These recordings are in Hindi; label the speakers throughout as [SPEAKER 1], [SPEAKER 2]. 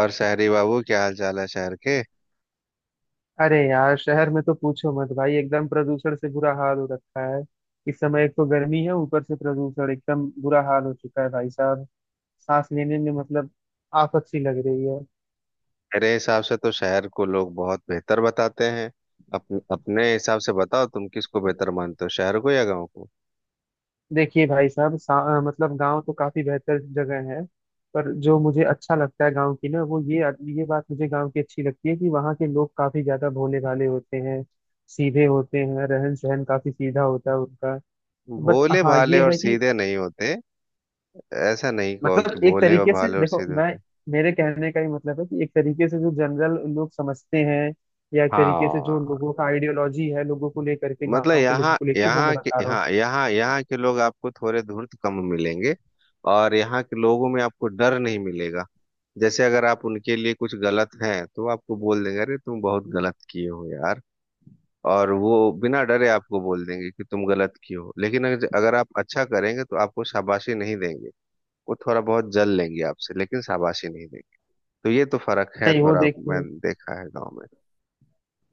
[SPEAKER 1] और शहरी बाबू, क्या हाल चाल है शहर के?
[SPEAKER 2] अरे यार, शहर में तो पूछो मत भाई। एकदम प्रदूषण से बुरा हाल हो रखा है। इस समय एक तो गर्मी है, ऊपर से प्रदूषण एकदम बुरा हाल हो चुका है भाई साहब। सांस लेने में मतलब आफत सी लग रही है।
[SPEAKER 1] मेरे हिसाब से तो शहर को लोग बहुत बेहतर बताते हैं। अपने अपने हिसाब से बताओ, तुम किसको बेहतर मानते हो, शहर को या गांव को?
[SPEAKER 2] देखिए भाई साहब, मतलब गांव तो काफी बेहतर जगह है। पर जो मुझे अच्छा लगता है गांव की ना वो ये बात मुझे गांव की अच्छी लगती है कि वहाँ के लोग काफी ज्यादा भोले भाले होते हैं। सीधे होते हैं, रहन सहन काफी सीधा होता है उनका। बट
[SPEAKER 1] भोले
[SPEAKER 2] हाँ,
[SPEAKER 1] भाले
[SPEAKER 2] ये
[SPEAKER 1] और
[SPEAKER 2] है कि
[SPEAKER 1] सीधे नहीं होते। ऐसा नहीं कहो कि
[SPEAKER 2] मतलब एक
[SPEAKER 1] भोले और
[SPEAKER 2] तरीके से
[SPEAKER 1] भाले और
[SPEAKER 2] देखो
[SPEAKER 1] सीधे होते।
[SPEAKER 2] मैं। मेरे कहने का ही मतलब है कि एक तरीके से जो जनरल लोग समझते हैं, या एक तरीके से जो
[SPEAKER 1] हाँ।
[SPEAKER 2] लोगों का आइडियोलॉजी है लोगों को लेकर के,
[SPEAKER 1] मतलब
[SPEAKER 2] गांव के लोगों
[SPEAKER 1] यहाँ
[SPEAKER 2] को लेकर, वो मैं
[SPEAKER 1] यहाँ के
[SPEAKER 2] बता रहा हूँ।
[SPEAKER 1] यहाँ यहाँ यहाँ के लोग आपको थोड़े धूर्त कम मिलेंगे। और यहाँ के लोगों में आपको डर नहीं मिलेगा। जैसे अगर आप उनके लिए कुछ गलत हैं तो वो आपको बोल देंगे, अरे तुम बहुत गलत किए हो यार। और वो बिना डरे आपको बोल देंगे कि तुम गलत किए हो, लेकिन अगर अगर आप अच्छा करेंगे तो आपको शाबाशी नहीं देंगे। वो थोड़ा बहुत जल लेंगे आपसे, लेकिन शाबाशी नहीं देंगे। तो ये तो फर्क है
[SPEAKER 2] नहीं, वो
[SPEAKER 1] थोड़ा,
[SPEAKER 2] देखते हैं।
[SPEAKER 1] मैंने देखा है गांव में।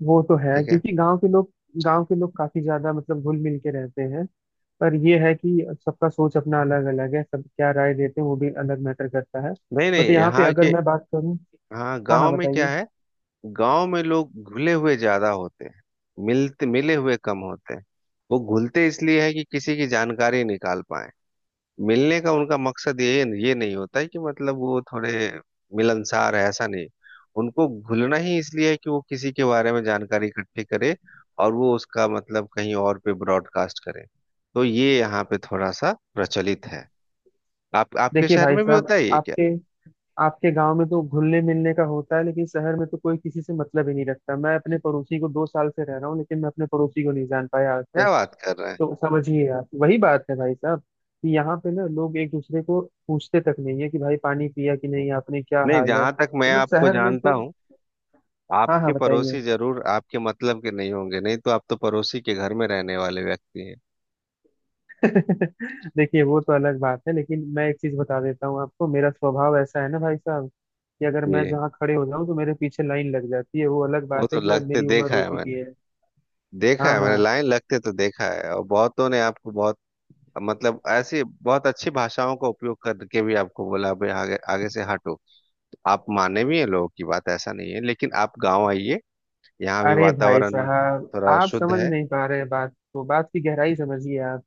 [SPEAKER 2] वो तो है
[SPEAKER 1] ठीक है।
[SPEAKER 2] क्योंकि गांव के लोग काफी ज्यादा मतलब घुल मिल के रहते हैं। पर ये है कि सबका सोच अपना अलग अलग है, सब क्या राय देते हैं वो भी अलग मैटर करता है।
[SPEAKER 1] नहीं
[SPEAKER 2] बट
[SPEAKER 1] नहीं
[SPEAKER 2] यहाँ पे
[SPEAKER 1] यहाँ
[SPEAKER 2] अगर
[SPEAKER 1] के।
[SPEAKER 2] मैं बात करूँ।
[SPEAKER 1] हाँ,
[SPEAKER 2] हाँ
[SPEAKER 1] गांव
[SPEAKER 2] हाँ,
[SPEAKER 1] में क्या
[SPEAKER 2] बताइए।
[SPEAKER 1] है? गांव में लोग घुले हुए ज्यादा होते हैं, मिलते मिले हुए कम होते हैं। वो घुलते इसलिए है कि किसी की जानकारी निकाल पाए। मिलने का उनका मकसद ये नहीं होता है कि मतलब वो थोड़े मिलनसार है, ऐसा नहीं। उनको घुलना ही इसलिए है कि वो किसी के बारे में जानकारी इकट्ठी करे और वो उसका मतलब कहीं और पे ब्रॉडकास्ट करे। तो ये यहाँ पे थोड़ा सा प्रचलित है। आप, आपके
[SPEAKER 2] देखिए
[SPEAKER 1] शहर
[SPEAKER 2] भाई
[SPEAKER 1] में भी
[SPEAKER 2] साहब,
[SPEAKER 1] होता है ये क्या?
[SPEAKER 2] आपके आपके गांव में तो घुलने मिलने का होता है, लेकिन शहर में तो कोई किसी से मतलब ही नहीं रखता। मैं अपने पड़ोसी को 2 साल से रह रहा हूँ, लेकिन मैं अपने पड़ोसी को नहीं जान पाया आज
[SPEAKER 1] क्या
[SPEAKER 2] तक।
[SPEAKER 1] बात कर रहे
[SPEAKER 2] तो समझिए आप, वही बात है भाई साहब कि यहाँ पे ना लोग एक दूसरे को पूछते तक नहीं है कि भाई पानी पिया कि
[SPEAKER 1] हैं।
[SPEAKER 2] नहीं आपने, क्या
[SPEAKER 1] नहीं,
[SPEAKER 2] हाल है,
[SPEAKER 1] जहां तक मैं
[SPEAKER 2] मतलब
[SPEAKER 1] आपको
[SPEAKER 2] शहर में
[SPEAKER 1] जानता
[SPEAKER 2] तो।
[SPEAKER 1] हूँ,
[SPEAKER 2] हाँ हाँ,
[SPEAKER 1] आपके
[SPEAKER 2] बताइए।
[SPEAKER 1] पड़ोसी जरूर आपके मतलब के नहीं होंगे, नहीं तो आप तो पड़ोसी के घर में रहने वाले व्यक्ति हैं।
[SPEAKER 2] देखिए, वो तो अलग बात है, लेकिन मैं एक चीज बता देता हूँ आपको। मेरा स्वभाव ऐसा है ना भाई साहब, कि अगर मैं
[SPEAKER 1] ये
[SPEAKER 2] जहाँ खड़े हो जाऊँ तो मेरे पीछे लाइन लग जाती है। वो अलग
[SPEAKER 1] वो
[SPEAKER 2] बात
[SPEAKER 1] तो
[SPEAKER 2] है कि अब
[SPEAKER 1] लगते
[SPEAKER 2] मेरी उम्र
[SPEAKER 1] देखा
[SPEAKER 2] हो
[SPEAKER 1] है
[SPEAKER 2] चुकी
[SPEAKER 1] मैंने।
[SPEAKER 2] है।
[SPEAKER 1] देखा
[SPEAKER 2] हाँ
[SPEAKER 1] है मैंने
[SPEAKER 2] हाँ।
[SPEAKER 1] लाइन लगते तो देखा है, और बहुतों ने आपको बहुत मतलब ऐसी बहुत अच्छी भाषाओं का उपयोग करके भी आपको बोला भाई, आगे आगे से हटो। आप माने भी हैं लोगों की बात, ऐसा नहीं है। लेकिन आप गांव आइए, यहाँ भी
[SPEAKER 2] अरे भाई
[SPEAKER 1] वातावरण
[SPEAKER 2] साहब,
[SPEAKER 1] थोड़ा
[SPEAKER 2] आप
[SPEAKER 1] शुद्ध
[SPEAKER 2] समझ
[SPEAKER 1] है।
[SPEAKER 2] नहीं पा रहे बात को। बात की गहराई समझिए आप।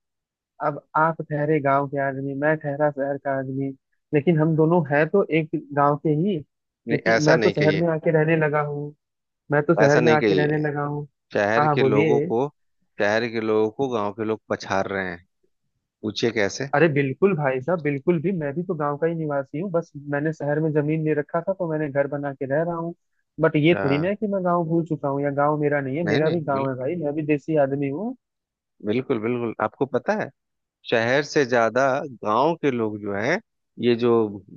[SPEAKER 2] अब आप ठहरे गांव के आदमी, मैं ठहरा शहर का आदमी, लेकिन हम दोनों हैं तो एक गांव के ही,
[SPEAKER 1] नहीं,
[SPEAKER 2] क्योंकि
[SPEAKER 1] ऐसा
[SPEAKER 2] मैं तो
[SPEAKER 1] नहीं
[SPEAKER 2] शहर
[SPEAKER 1] कहिए।
[SPEAKER 2] में आके रहने लगा हूँ। मैं तो शहर
[SPEAKER 1] ऐसा
[SPEAKER 2] में
[SPEAKER 1] नहीं
[SPEAKER 2] आके रहने
[SPEAKER 1] कहिए।
[SPEAKER 2] लगा हूँ। हाँ
[SPEAKER 1] शहर
[SPEAKER 2] हाँ,
[SPEAKER 1] के लोगों
[SPEAKER 2] बोलिए।
[SPEAKER 1] को, शहर के लोगों को गांव के लोग पछाड़ रहे हैं। पूछिए कैसे।
[SPEAKER 2] अरे बिल्कुल भाई साहब, बिल्कुल भी। मैं भी तो गांव का ही निवासी हूँ, बस मैंने शहर में जमीन ले रखा था तो मैंने घर बना के रह रहा हूँ। बट ये थोड़ी
[SPEAKER 1] हाँ।
[SPEAKER 2] ना है कि मैं गांव भूल चुका हूँ या गांव मेरा नहीं है।
[SPEAKER 1] नहीं
[SPEAKER 2] मेरा भी
[SPEAKER 1] नहीं,
[SPEAKER 2] गांव है
[SPEAKER 1] बिल्कुल
[SPEAKER 2] भाई, मैं भी देसी आदमी हूँ।
[SPEAKER 1] बिल्कुल बिल्कुल। आपको पता है, शहर से ज्यादा गांव के लोग जो हैं, ये जो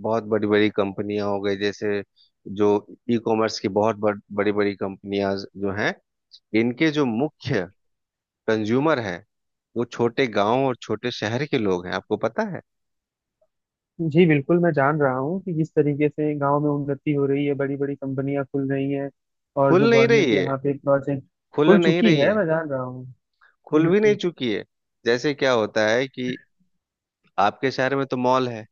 [SPEAKER 1] बहुत बड़ी बड़ी कंपनियां हो गई, जैसे जो ई कॉमर्स की बहुत बड़ी बड़ी कंपनियां जो हैं, इनके जो मुख्य कंज्यूमर हैं वो छोटे गांव और छोटे शहर के लोग हैं। आपको पता है?
[SPEAKER 2] जी बिल्कुल, मैं जान रहा हूँ कि किस तरीके से गांव में उन्नति हो रही है, बड़ी बड़ी कंपनियां खुल रही हैं, और जो
[SPEAKER 1] खुल नहीं
[SPEAKER 2] गवर्नमेंट
[SPEAKER 1] रही है।
[SPEAKER 2] यहाँ पे प्रोजेक्ट
[SPEAKER 1] खुल
[SPEAKER 2] खुल
[SPEAKER 1] नहीं
[SPEAKER 2] चुकी
[SPEAKER 1] रही
[SPEAKER 2] है,
[SPEAKER 1] है।
[SPEAKER 2] मैं जान रहा हूँ।
[SPEAKER 1] खुल भी नहीं
[SPEAKER 2] हम्म।
[SPEAKER 1] चुकी है। जैसे क्या होता है कि आपके शहर में तो मॉल है,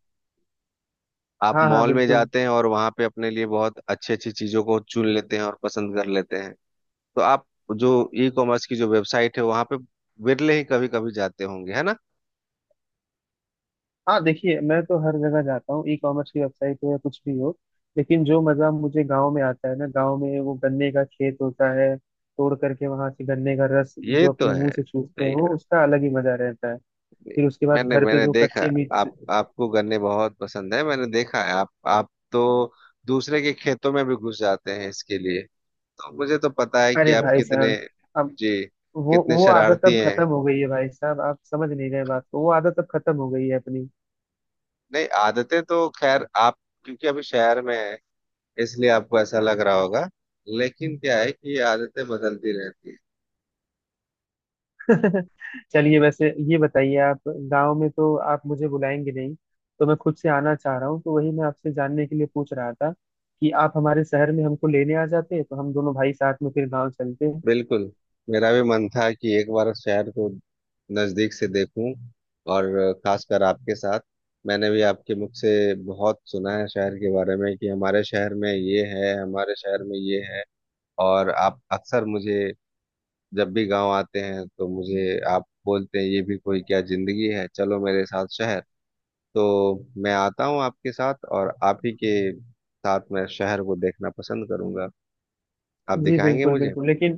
[SPEAKER 1] आप
[SPEAKER 2] हाँ हाँ,
[SPEAKER 1] मॉल में
[SPEAKER 2] बिल्कुल।
[SPEAKER 1] जाते हैं और वहां पे अपने लिए बहुत अच्छी अच्छी चीजों को चुन लेते हैं और पसंद कर लेते हैं। तो आप जो ई कॉमर्स की जो वेबसाइट है वहां पे विरले ही कभी कभी जाते होंगे, है ना?
[SPEAKER 2] हाँ, देखिए मैं तो हर जगह जाता हूँ, ई कॉमर्स की वेबसाइट हो या कुछ भी हो। लेकिन जो मजा मुझे गांव में आता है ना, गांव में वो गन्ने का खेत होता है, तोड़ करके वहां से गन्ने का रस
[SPEAKER 1] ये
[SPEAKER 2] जो
[SPEAKER 1] तो
[SPEAKER 2] अपने
[SPEAKER 1] है,
[SPEAKER 2] मुंह से चूसते हैं,
[SPEAKER 1] सही
[SPEAKER 2] वो
[SPEAKER 1] कहा।
[SPEAKER 2] उसका अलग ही मजा रहता है। फिर उसके बाद
[SPEAKER 1] मैंने
[SPEAKER 2] घर पे
[SPEAKER 1] मैंने
[SPEAKER 2] जो
[SPEAKER 1] देखा,
[SPEAKER 2] कच्चे मिर्च।
[SPEAKER 1] आप, आपको गन्ने बहुत पसंद है, मैंने देखा है। आप तो दूसरे के खेतों में भी घुस जाते हैं इसके लिए। तो मुझे तो पता है कि
[SPEAKER 2] अरे
[SPEAKER 1] आप
[SPEAKER 2] भाई
[SPEAKER 1] कितने,
[SPEAKER 2] साहब, अब
[SPEAKER 1] जी,
[SPEAKER 2] वो
[SPEAKER 1] कितने
[SPEAKER 2] वो आदत
[SPEAKER 1] शरारती
[SPEAKER 2] अब
[SPEAKER 1] हैं।
[SPEAKER 2] खत्म हो गई है भाई साहब, आप समझ नहीं रहे बात को। वो आदत अब खत्म हो गई है अपनी।
[SPEAKER 1] नहीं, आदतें तो खैर आप, क्योंकि अभी शहर में है इसलिए आपको ऐसा लग रहा होगा, लेकिन क्या है कि ये आदतें बदलती रहती है।
[SPEAKER 2] चलिए वैसे ये बताइए, आप गांव में तो आप मुझे बुलाएंगे नहीं, तो मैं खुद से आना चाह रहा हूँ। तो वही मैं आपसे जानने के लिए पूछ रहा था कि आप हमारे शहर में हमको लेने आ जाते तो हम दोनों भाई साथ में फिर गांव चलते।
[SPEAKER 1] बिल्कुल, मेरा भी मन था कि एक बार शहर को नजदीक से देखूं, और खासकर आपके साथ। मैंने भी आपके मुख से बहुत सुना है शहर के बारे में, कि हमारे शहर में ये है, हमारे शहर में ये है। और आप अक्सर मुझे जब भी गांव आते हैं तो मुझे आप बोलते हैं, ये भी कोई क्या जिंदगी है, चलो मेरे साथ शहर। तो मैं आता हूँ आपके साथ, और आप ही के साथ मैं शहर को देखना पसंद करूंगा। आप
[SPEAKER 2] जी
[SPEAKER 1] दिखाएंगे
[SPEAKER 2] बिल्कुल
[SPEAKER 1] मुझे।
[SPEAKER 2] बिल्कुल, लेकिन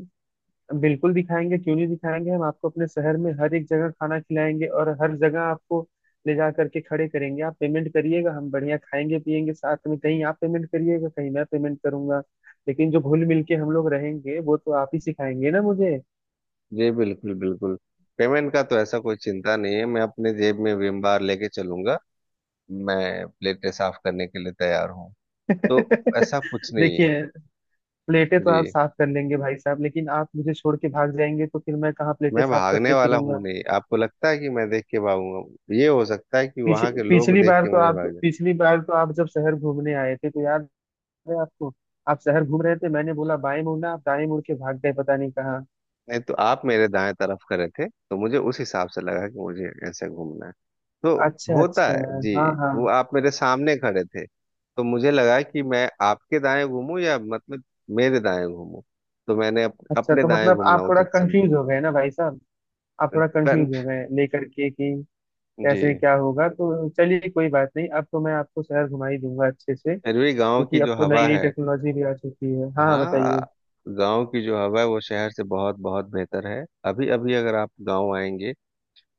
[SPEAKER 2] बिल्कुल दिखाएंगे, क्यों नहीं दिखाएंगे। हम आपको अपने शहर में हर एक जगह खाना खिलाएंगे और हर जगह आपको ले जा करके खड़े करेंगे। आप पेमेंट करिएगा, हम बढ़िया खाएंगे पिएंगे साथ में। कहीं आप पेमेंट करिएगा, कहीं मैं पेमेंट करूंगा, लेकिन जो घुल मिल के हम लोग रहेंगे वो तो आप ही सिखाएंगे ना मुझे।
[SPEAKER 1] जी बिल्कुल बिल्कुल। पेमेंट का तो ऐसा कोई चिंता नहीं है, मैं अपने जेब में विम बार लेके चलूंगा। मैं प्लेटें साफ करने के लिए तैयार हूँ। तो ऐसा कुछ नहीं है।
[SPEAKER 2] देखिए, प्लेटें तो आप
[SPEAKER 1] जी,
[SPEAKER 2] साफ कर लेंगे भाई साहब, लेकिन आप मुझे छोड़ के भाग जाएंगे तो फिर मैं कहाँ प्लेटें
[SPEAKER 1] मैं
[SPEAKER 2] साफ
[SPEAKER 1] भागने
[SPEAKER 2] करते
[SPEAKER 1] वाला हूँ
[SPEAKER 2] फिरूंगा।
[SPEAKER 1] नहीं, आपको लगता है कि मैं देख के भागूंगा? ये हो सकता है कि वहां के लोग
[SPEAKER 2] पिछली
[SPEAKER 1] देख
[SPEAKER 2] बार
[SPEAKER 1] के
[SPEAKER 2] तो
[SPEAKER 1] मुझे
[SPEAKER 2] आप
[SPEAKER 1] भाग जाए।
[SPEAKER 2] पिछली बार तो आप जब शहर घूमने आए थे तो याद। अरे आपको। आप शहर घूम रहे थे, मैंने बोला बाएं मुड़ना, आप दाएं मुड़ के भाग गए पता नहीं कहाँ।
[SPEAKER 1] नहीं तो आप मेरे दाएं तरफ खड़े थे, तो मुझे उस हिसाब से लगा कि मुझे ऐसे घूमना है। तो
[SPEAKER 2] अच्छा
[SPEAKER 1] होता
[SPEAKER 2] अच्छा।
[SPEAKER 1] है जी।
[SPEAKER 2] हाँ हाँ।
[SPEAKER 1] वो आप मेरे सामने खड़े थे तो मुझे लगा कि मैं आपके दाएं घूमूं या मतलब मेरे दाएं घूमूं। तो मैंने
[SPEAKER 2] अच्छा,
[SPEAKER 1] अपने
[SPEAKER 2] तो
[SPEAKER 1] दाएं
[SPEAKER 2] मतलब
[SPEAKER 1] घूमना
[SPEAKER 2] आप थोड़ा
[SPEAKER 1] उचित समझा।
[SPEAKER 2] कंफ्यूज हो गए ना भाई साहब, आप थोड़ा
[SPEAKER 1] कन-
[SPEAKER 2] कंफ्यूज हो गए लेकर के कि
[SPEAKER 1] जी,
[SPEAKER 2] कैसे क्या होगा। तो चलिए कोई बात नहीं, अब तो मैं आपको शहर घुमा ही दूंगा अच्छे से,
[SPEAKER 1] अरवी गांव की
[SPEAKER 2] क्योंकि अब
[SPEAKER 1] जो
[SPEAKER 2] तो नई
[SPEAKER 1] हवा
[SPEAKER 2] नई
[SPEAKER 1] है।
[SPEAKER 2] टेक्नोलॉजी भी आ चुकी है। हाँ,
[SPEAKER 1] हाँ,
[SPEAKER 2] बताइए।
[SPEAKER 1] गांव की जो हवा है वो शहर से बहुत बहुत बेहतर है। अभी अभी अगर आप गांव आएंगे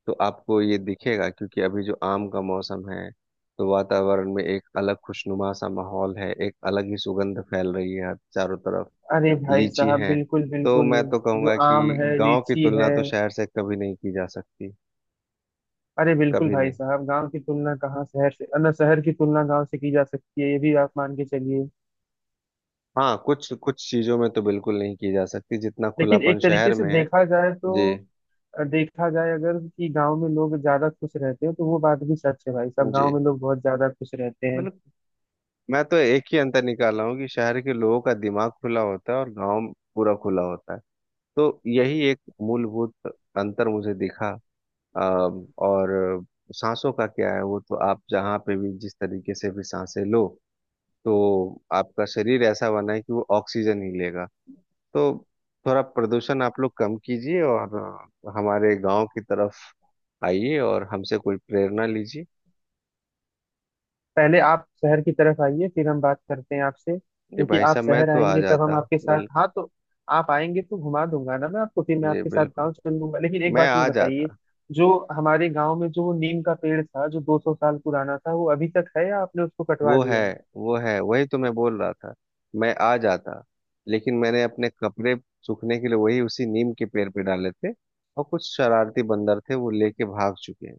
[SPEAKER 1] तो आपको ये दिखेगा, क्योंकि अभी जो आम का मौसम है तो वातावरण में एक अलग खुशनुमा सा माहौल है, एक अलग ही सुगंध फैल रही है चारों तरफ।
[SPEAKER 2] अरे भाई
[SPEAKER 1] लीची
[SPEAKER 2] साहब,
[SPEAKER 1] है।
[SPEAKER 2] बिल्कुल
[SPEAKER 1] तो
[SPEAKER 2] बिल्कुल।
[SPEAKER 1] मैं तो
[SPEAKER 2] जो
[SPEAKER 1] कहूंगा
[SPEAKER 2] आम
[SPEAKER 1] कि
[SPEAKER 2] है,
[SPEAKER 1] गांव की
[SPEAKER 2] लीची
[SPEAKER 1] तुलना
[SPEAKER 2] है।
[SPEAKER 1] तो शहर से कभी नहीं की जा सकती।
[SPEAKER 2] अरे बिल्कुल
[SPEAKER 1] कभी
[SPEAKER 2] भाई
[SPEAKER 1] नहीं।
[SPEAKER 2] साहब, गांव की तुलना कहाँ शहर से, ना शहर की तुलना गांव से की जा सकती है, ये भी आप मान के चलिए।
[SPEAKER 1] हाँ, कुछ कुछ चीजों में तो बिल्कुल नहीं की जा सकती, जितना
[SPEAKER 2] लेकिन
[SPEAKER 1] खुलापन
[SPEAKER 2] एक तरीके
[SPEAKER 1] शहर
[SPEAKER 2] से
[SPEAKER 1] में है।
[SPEAKER 2] देखा जाए तो
[SPEAKER 1] जी।
[SPEAKER 2] देखा जाए अगर कि गांव में लोग ज्यादा खुश रहते हैं, तो वो बात भी सच है भाई साहब, गांव
[SPEAKER 1] जी,
[SPEAKER 2] में लोग बहुत ज्यादा खुश रहते हैं।
[SPEAKER 1] मतलब मैं तो एक ही अंतर निकाला हूँ कि शहर के लोगों का दिमाग खुला होता है और गांव पूरा खुला होता है। तो यही एक मूलभूत अंतर मुझे दिखा। अ, और सांसों का क्या है, वो तो आप जहाँ पे भी जिस तरीके से भी सांसें लो, तो आपका शरीर ऐसा बना है कि वो ऑक्सीजन ही लेगा। तो थोड़ा प्रदूषण आप लोग कम कीजिए, और हमारे गांव की तरफ आइए और हमसे कोई प्रेरणा लीजिए।
[SPEAKER 2] पहले आप शहर की तरफ आइए, फिर हम बात करते हैं आपसे,
[SPEAKER 1] जी
[SPEAKER 2] क्योंकि
[SPEAKER 1] भाई
[SPEAKER 2] आप
[SPEAKER 1] साहब, मैं
[SPEAKER 2] शहर
[SPEAKER 1] तो आ
[SPEAKER 2] आएंगे तब हम
[SPEAKER 1] जाता।
[SPEAKER 2] आपके साथ हाँ
[SPEAKER 1] बिल्कुल।
[SPEAKER 2] तो। आप आएंगे तो घुमा दूंगा ना मैं आपको, फिर मैं
[SPEAKER 1] जी
[SPEAKER 2] आपके साथ
[SPEAKER 1] बिल्कुल,
[SPEAKER 2] गाँव चल लूंगा। लेकिन एक
[SPEAKER 1] मैं
[SPEAKER 2] बात ये
[SPEAKER 1] आ
[SPEAKER 2] बताइए,
[SPEAKER 1] जाता।
[SPEAKER 2] जो हमारे गाँव में जो वो नीम का पेड़ था जो 200 साल पुराना था, वो अभी तक है या आपने उसको कटवा
[SPEAKER 1] वो है,
[SPEAKER 2] दिया है।
[SPEAKER 1] वो है, वही तो मैं बोल रहा था। मैं आ जाता, लेकिन मैंने अपने कपड़े सूखने के लिए वही उसी नीम के पेड़ पे डाले थे, और कुछ शरारती बंदर थे वो लेके भाग चुके हैं।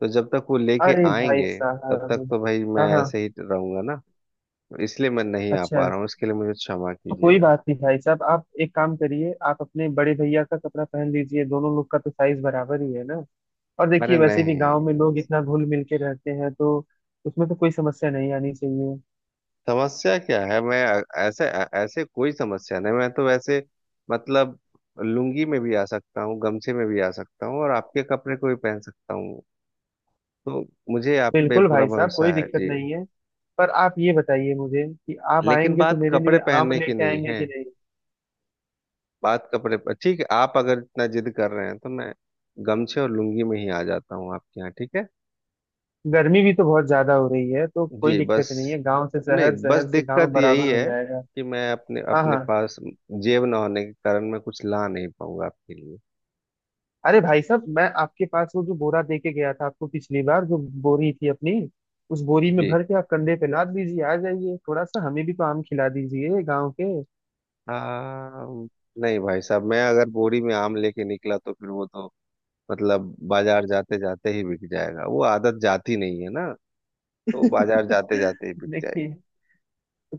[SPEAKER 1] तो जब तक वो लेके
[SPEAKER 2] अरे भाई
[SPEAKER 1] आएंगे तब तक
[SPEAKER 2] साहब।
[SPEAKER 1] तो भाई मैं
[SPEAKER 2] हाँ हाँ।
[SPEAKER 1] ऐसे ही रहूंगा ना। इसलिए मैं नहीं आ
[SPEAKER 2] अच्छा।
[SPEAKER 1] पा रहा हूँ, इसके लिए मुझे क्षमा
[SPEAKER 2] तो कोई
[SPEAKER 1] कीजिएगा।
[SPEAKER 2] बात नहीं भाई साहब, आप एक काम करिए, आप अपने बड़े भैया का कपड़ा पहन लीजिए, दोनों लोग का तो साइज बराबर ही है ना। और देखिए
[SPEAKER 1] अरे
[SPEAKER 2] वैसे भी गांव में लोग इतना
[SPEAKER 1] नहीं,
[SPEAKER 2] घुल मिल के रहते हैं, तो उसमें तो कोई समस्या नहीं आनी चाहिए।
[SPEAKER 1] समस्या क्या है। मैं ऐसे, ऐसे कोई समस्या नहीं, मैं तो वैसे मतलब लुंगी में भी आ सकता हूँ, गमछे में भी आ सकता हूँ और आपके कपड़े को भी पहन सकता हूँ। तो मुझे आप पे
[SPEAKER 2] बिल्कुल
[SPEAKER 1] पूरा
[SPEAKER 2] भाई साहब,
[SPEAKER 1] भरोसा
[SPEAKER 2] कोई
[SPEAKER 1] है
[SPEAKER 2] दिक्कत
[SPEAKER 1] जी।
[SPEAKER 2] नहीं है। पर आप ये बताइए मुझे कि आप
[SPEAKER 1] लेकिन
[SPEAKER 2] आएंगे तो
[SPEAKER 1] बात
[SPEAKER 2] मेरे लिए
[SPEAKER 1] कपड़े
[SPEAKER 2] आम
[SPEAKER 1] पहनने की
[SPEAKER 2] लेके
[SPEAKER 1] नहीं
[SPEAKER 2] आएंगे
[SPEAKER 1] है,
[SPEAKER 2] कि नहीं।
[SPEAKER 1] बात कपड़े पर ठीक है, आप अगर इतना जिद कर रहे हैं तो मैं गमछे और लुंगी में ही आ जाता हूँ आपके यहाँ, ठीक है।
[SPEAKER 2] गर्मी भी तो बहुत ज्यादा हो रही है, तो कोई
[SPEAKER 1] जी बस,
[SPEAKER 2] दिक्कत नहीं है, गांव से
[SPEAKER 1] नहीं,
[SPEAKER 2] शहर,
[SPEAKER 1] बस
[SPEAKER 2] शहर से गांव
[SPEAKER 1] दिक्कत यही
[SPEAKER 2] बराबर हो
[SPEAKER 1] है
[SPEAKER 2] जाएगा।
[SPEAKER 1] कि मैं अपने
[SPEAKER 2] हाँ
[SPEAKER 1] अपने
[SPEAKER 2] हाँ।
[SPEAKER 1] पास जेब ना होने के कारण मैं कुछ ला नहीं पाऊंगा आपके लिए।
[SPEAKER 2] अरे भाई साहब, मैं आपके पास वो जो बोरा दे के गया था आपको पिछली बार, जो बोरी थी अपनी, उस बोरी में
[SPEAKER 1] जी।
[SPEAKER 2] भर के आप कंधे पे लाद दीजिए, आ जाइए। थोड़ा सा हमें भी तो आम खिला दीजिए गांव के।
[SPEAKER 1] हाँ। नहीं भाई साहब, मैं अगर बोरी में आम लेके निकला तो फिर वो तो मतलब बाजार जाते जाते ही बिक जाएगा, वो आदत जाती नहीं है ना। तो बाजार जाते जाते ही बिक जाएगी।
[SPEAKER 2] देखिए, तो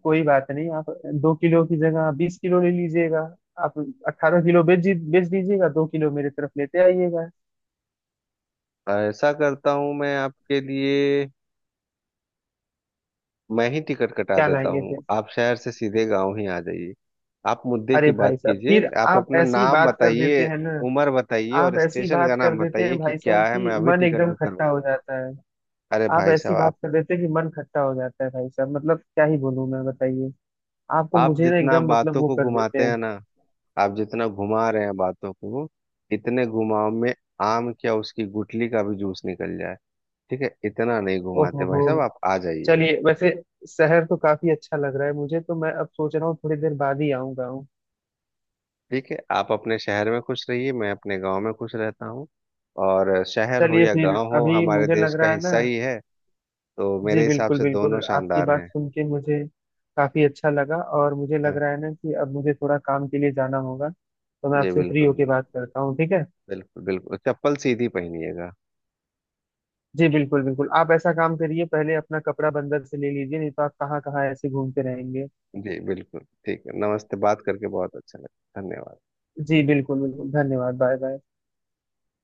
[SPEAKER 2] कोई बात नहीं, आप 2 किलो की जगह आप 20 किलो ले लीजिएगा। आप 18 किलो बेच दीजिएगा, 2 किलो मेरे तरफ लेते आइएगा।
[SPEAKER 1] ऐसा करता हूँ मैं आपके लिए, मैं ही टिकट कटा
[SPEAKER 2] क्या
[SPEAKER 1] देता
[SPEAKER 2] लाएंगे
[SPEAKER 1] हूँ,
[SPEAKER 2] फिर।
[SPEAKER 1] आप शहर से सीधे गांव ही आ जाइए। आप मुद्दे
[SPEAKER 2] अरे
[SPEAKER 1] की बात
[SPEAKER 2] भाई साहब,
[SPEAKER 1] कीजिए,
[SPEAKER 2] फिर
[SPEAKER 1] आप
[SPEAKER 2] आप
[SPEAKER 1] अपना
[SPEAKER 2] ऐसी
[SPEAKER 1] नाम
[SPEAKER 2] बात कर देते
[SPEAKER 1] बताइए,
[SPEAKER 2] हैं ना।
[SPEAKER 1] उम्र बताइए और
[SPEAKER 2] आप ऐसी
[SPEAKER 1] स्टेशन का
[SPEAKER 2] बात कर
[SPEAKER 1] नाम
[SPEAKER 2] देते
[SPEAKER 1] बताइए,
[SPEAKER 2] हैं
[SPEAKER 1] कि
[SPEAKER 2] भाई साहब,
[SPEAKER 1] क्या है,
[SPEAKER 2] कि
[SPEAKER 1] मैं अभी
[SPEAKER 2] मन
[SPEAKER 1] टिकट
[SPEAKER 2] एकदम
[SPEAKER 1] बुक करवा।
[SPEAKER 2] खट्टा हो जाता।
[SPEAKER 1] अरे
[SPEAKER 2] आप
[SPEAKER 1] भाई
[SPEAKER 2] ऐसी
[SPEAKER 1] साहब आप
[SPEAKER 2] बात कर देते हैं कि मन खट्टा हो जाता है भाई साहब, मतलब क्या ही बोलूं मैं, बताइए। आप तो
[SPEAKER 1] आप
[SPEAKER 2] मुझे ना
[SPEAKER 1] जितना
[SPEAKER 2] एकदम मतलब
[SPEAKER 1] बातों
[SPEAKER 2] वो
[SPEAKER 1] को
[SPEAKER 2] कर देते
[SPEAKER 1] घुमाते
[SPEAKER 2] हैं।
[SPEAKER 1] हैं ना, आप जितना घुमा रहे हैं बातों को, इतने घुमाव में आम क्या, उसकी गुठली का भी जूस निकल जाए। ठीक है, इतना नहीं घुमाते
[SPEAKER 2] ओहो
[SPEAKER 1] भाई
[SPEAKER 2] हो।
[SPEAKER 1] साहब, आप आ जाइए।
[SPEAKER 2] चलिए वैसे, शहर तो काफी अच्छा लग रहा है मुझे तो, मैं अब सोच रहा हूँ थोड़ी देर बाद ही आऊंगा हूँ।
[SPEAKER 1] ठीक है, आप अपने शहर में खुश रहिए, मैं अपने गांव में खुश रहता हूँ। और शहर हो
[SPEAKER 2] चलिए
[SPEAKER 1] या
[SPEAKER 2] फिर
[SPEAKER 1] गांव हो,
[SPEAKER 2] अभी
[SPEAKER 1] हमारे
[SPEAKER 2] मुझे
[SPEAKER 1] देश
[SPEAKER 2] लग
[SPEAKER 1] का
[SPEAKER 2] रहा है ना।
[SPEAKER 1] हिस्सा ही है। तो मेरे
[SPEAKER 2] जी
[SPEAKER 1] हिसाब
[SPEAKER 2] बिल्कुल
[SPEAKER 1] से दोनों
[SPEAKER 2] बिल्कुल, आपकी
[SPEAKER 1] शानदार
[SPEAKER 2] बात
[SPEAKER 1] हैं।
[SPEAKER 2] सुन के मुझे काफी अच्छा लगा, और मुझे लग
[SPEAKER 1] हाँ।
[SPEAKER 2] रहा है ना कि अब मुझे थोड़ा काम के लिए जाना होगा, तो मैं
[SPEAKER 1] जी
[SPEAKER 2] आपसे फ्री
[SPEAKER 1] बिल्कुल
[SPEAKER 2] होके
[SPEAKER 1] बिल्कुल।
[SPEAKER 2] बात करता हूँ, ठीक है।
[SPEAKER 1] बिल्कुल बिल्कुल, चप्पल सीधी पहनिएगा।
[SPEAKER 2] जी बिल्कुल बिल्कुल, आप ऐसा काम करिए, पहले अपना कपड़ा बंदर से ले लीजिए, नहीं तो आप कहाँ कहाँ ऐसे घूमते रहेंगे।
[SPEAKER 1] जी बिल्कुल, ठीक है, नमस्ते, बात करके बहुत अच्छा लगा, धन्यवाद।
[SPEAKER 2] जी बिल्कुल बिल्कुल, धन्यवाद, बाय बाय।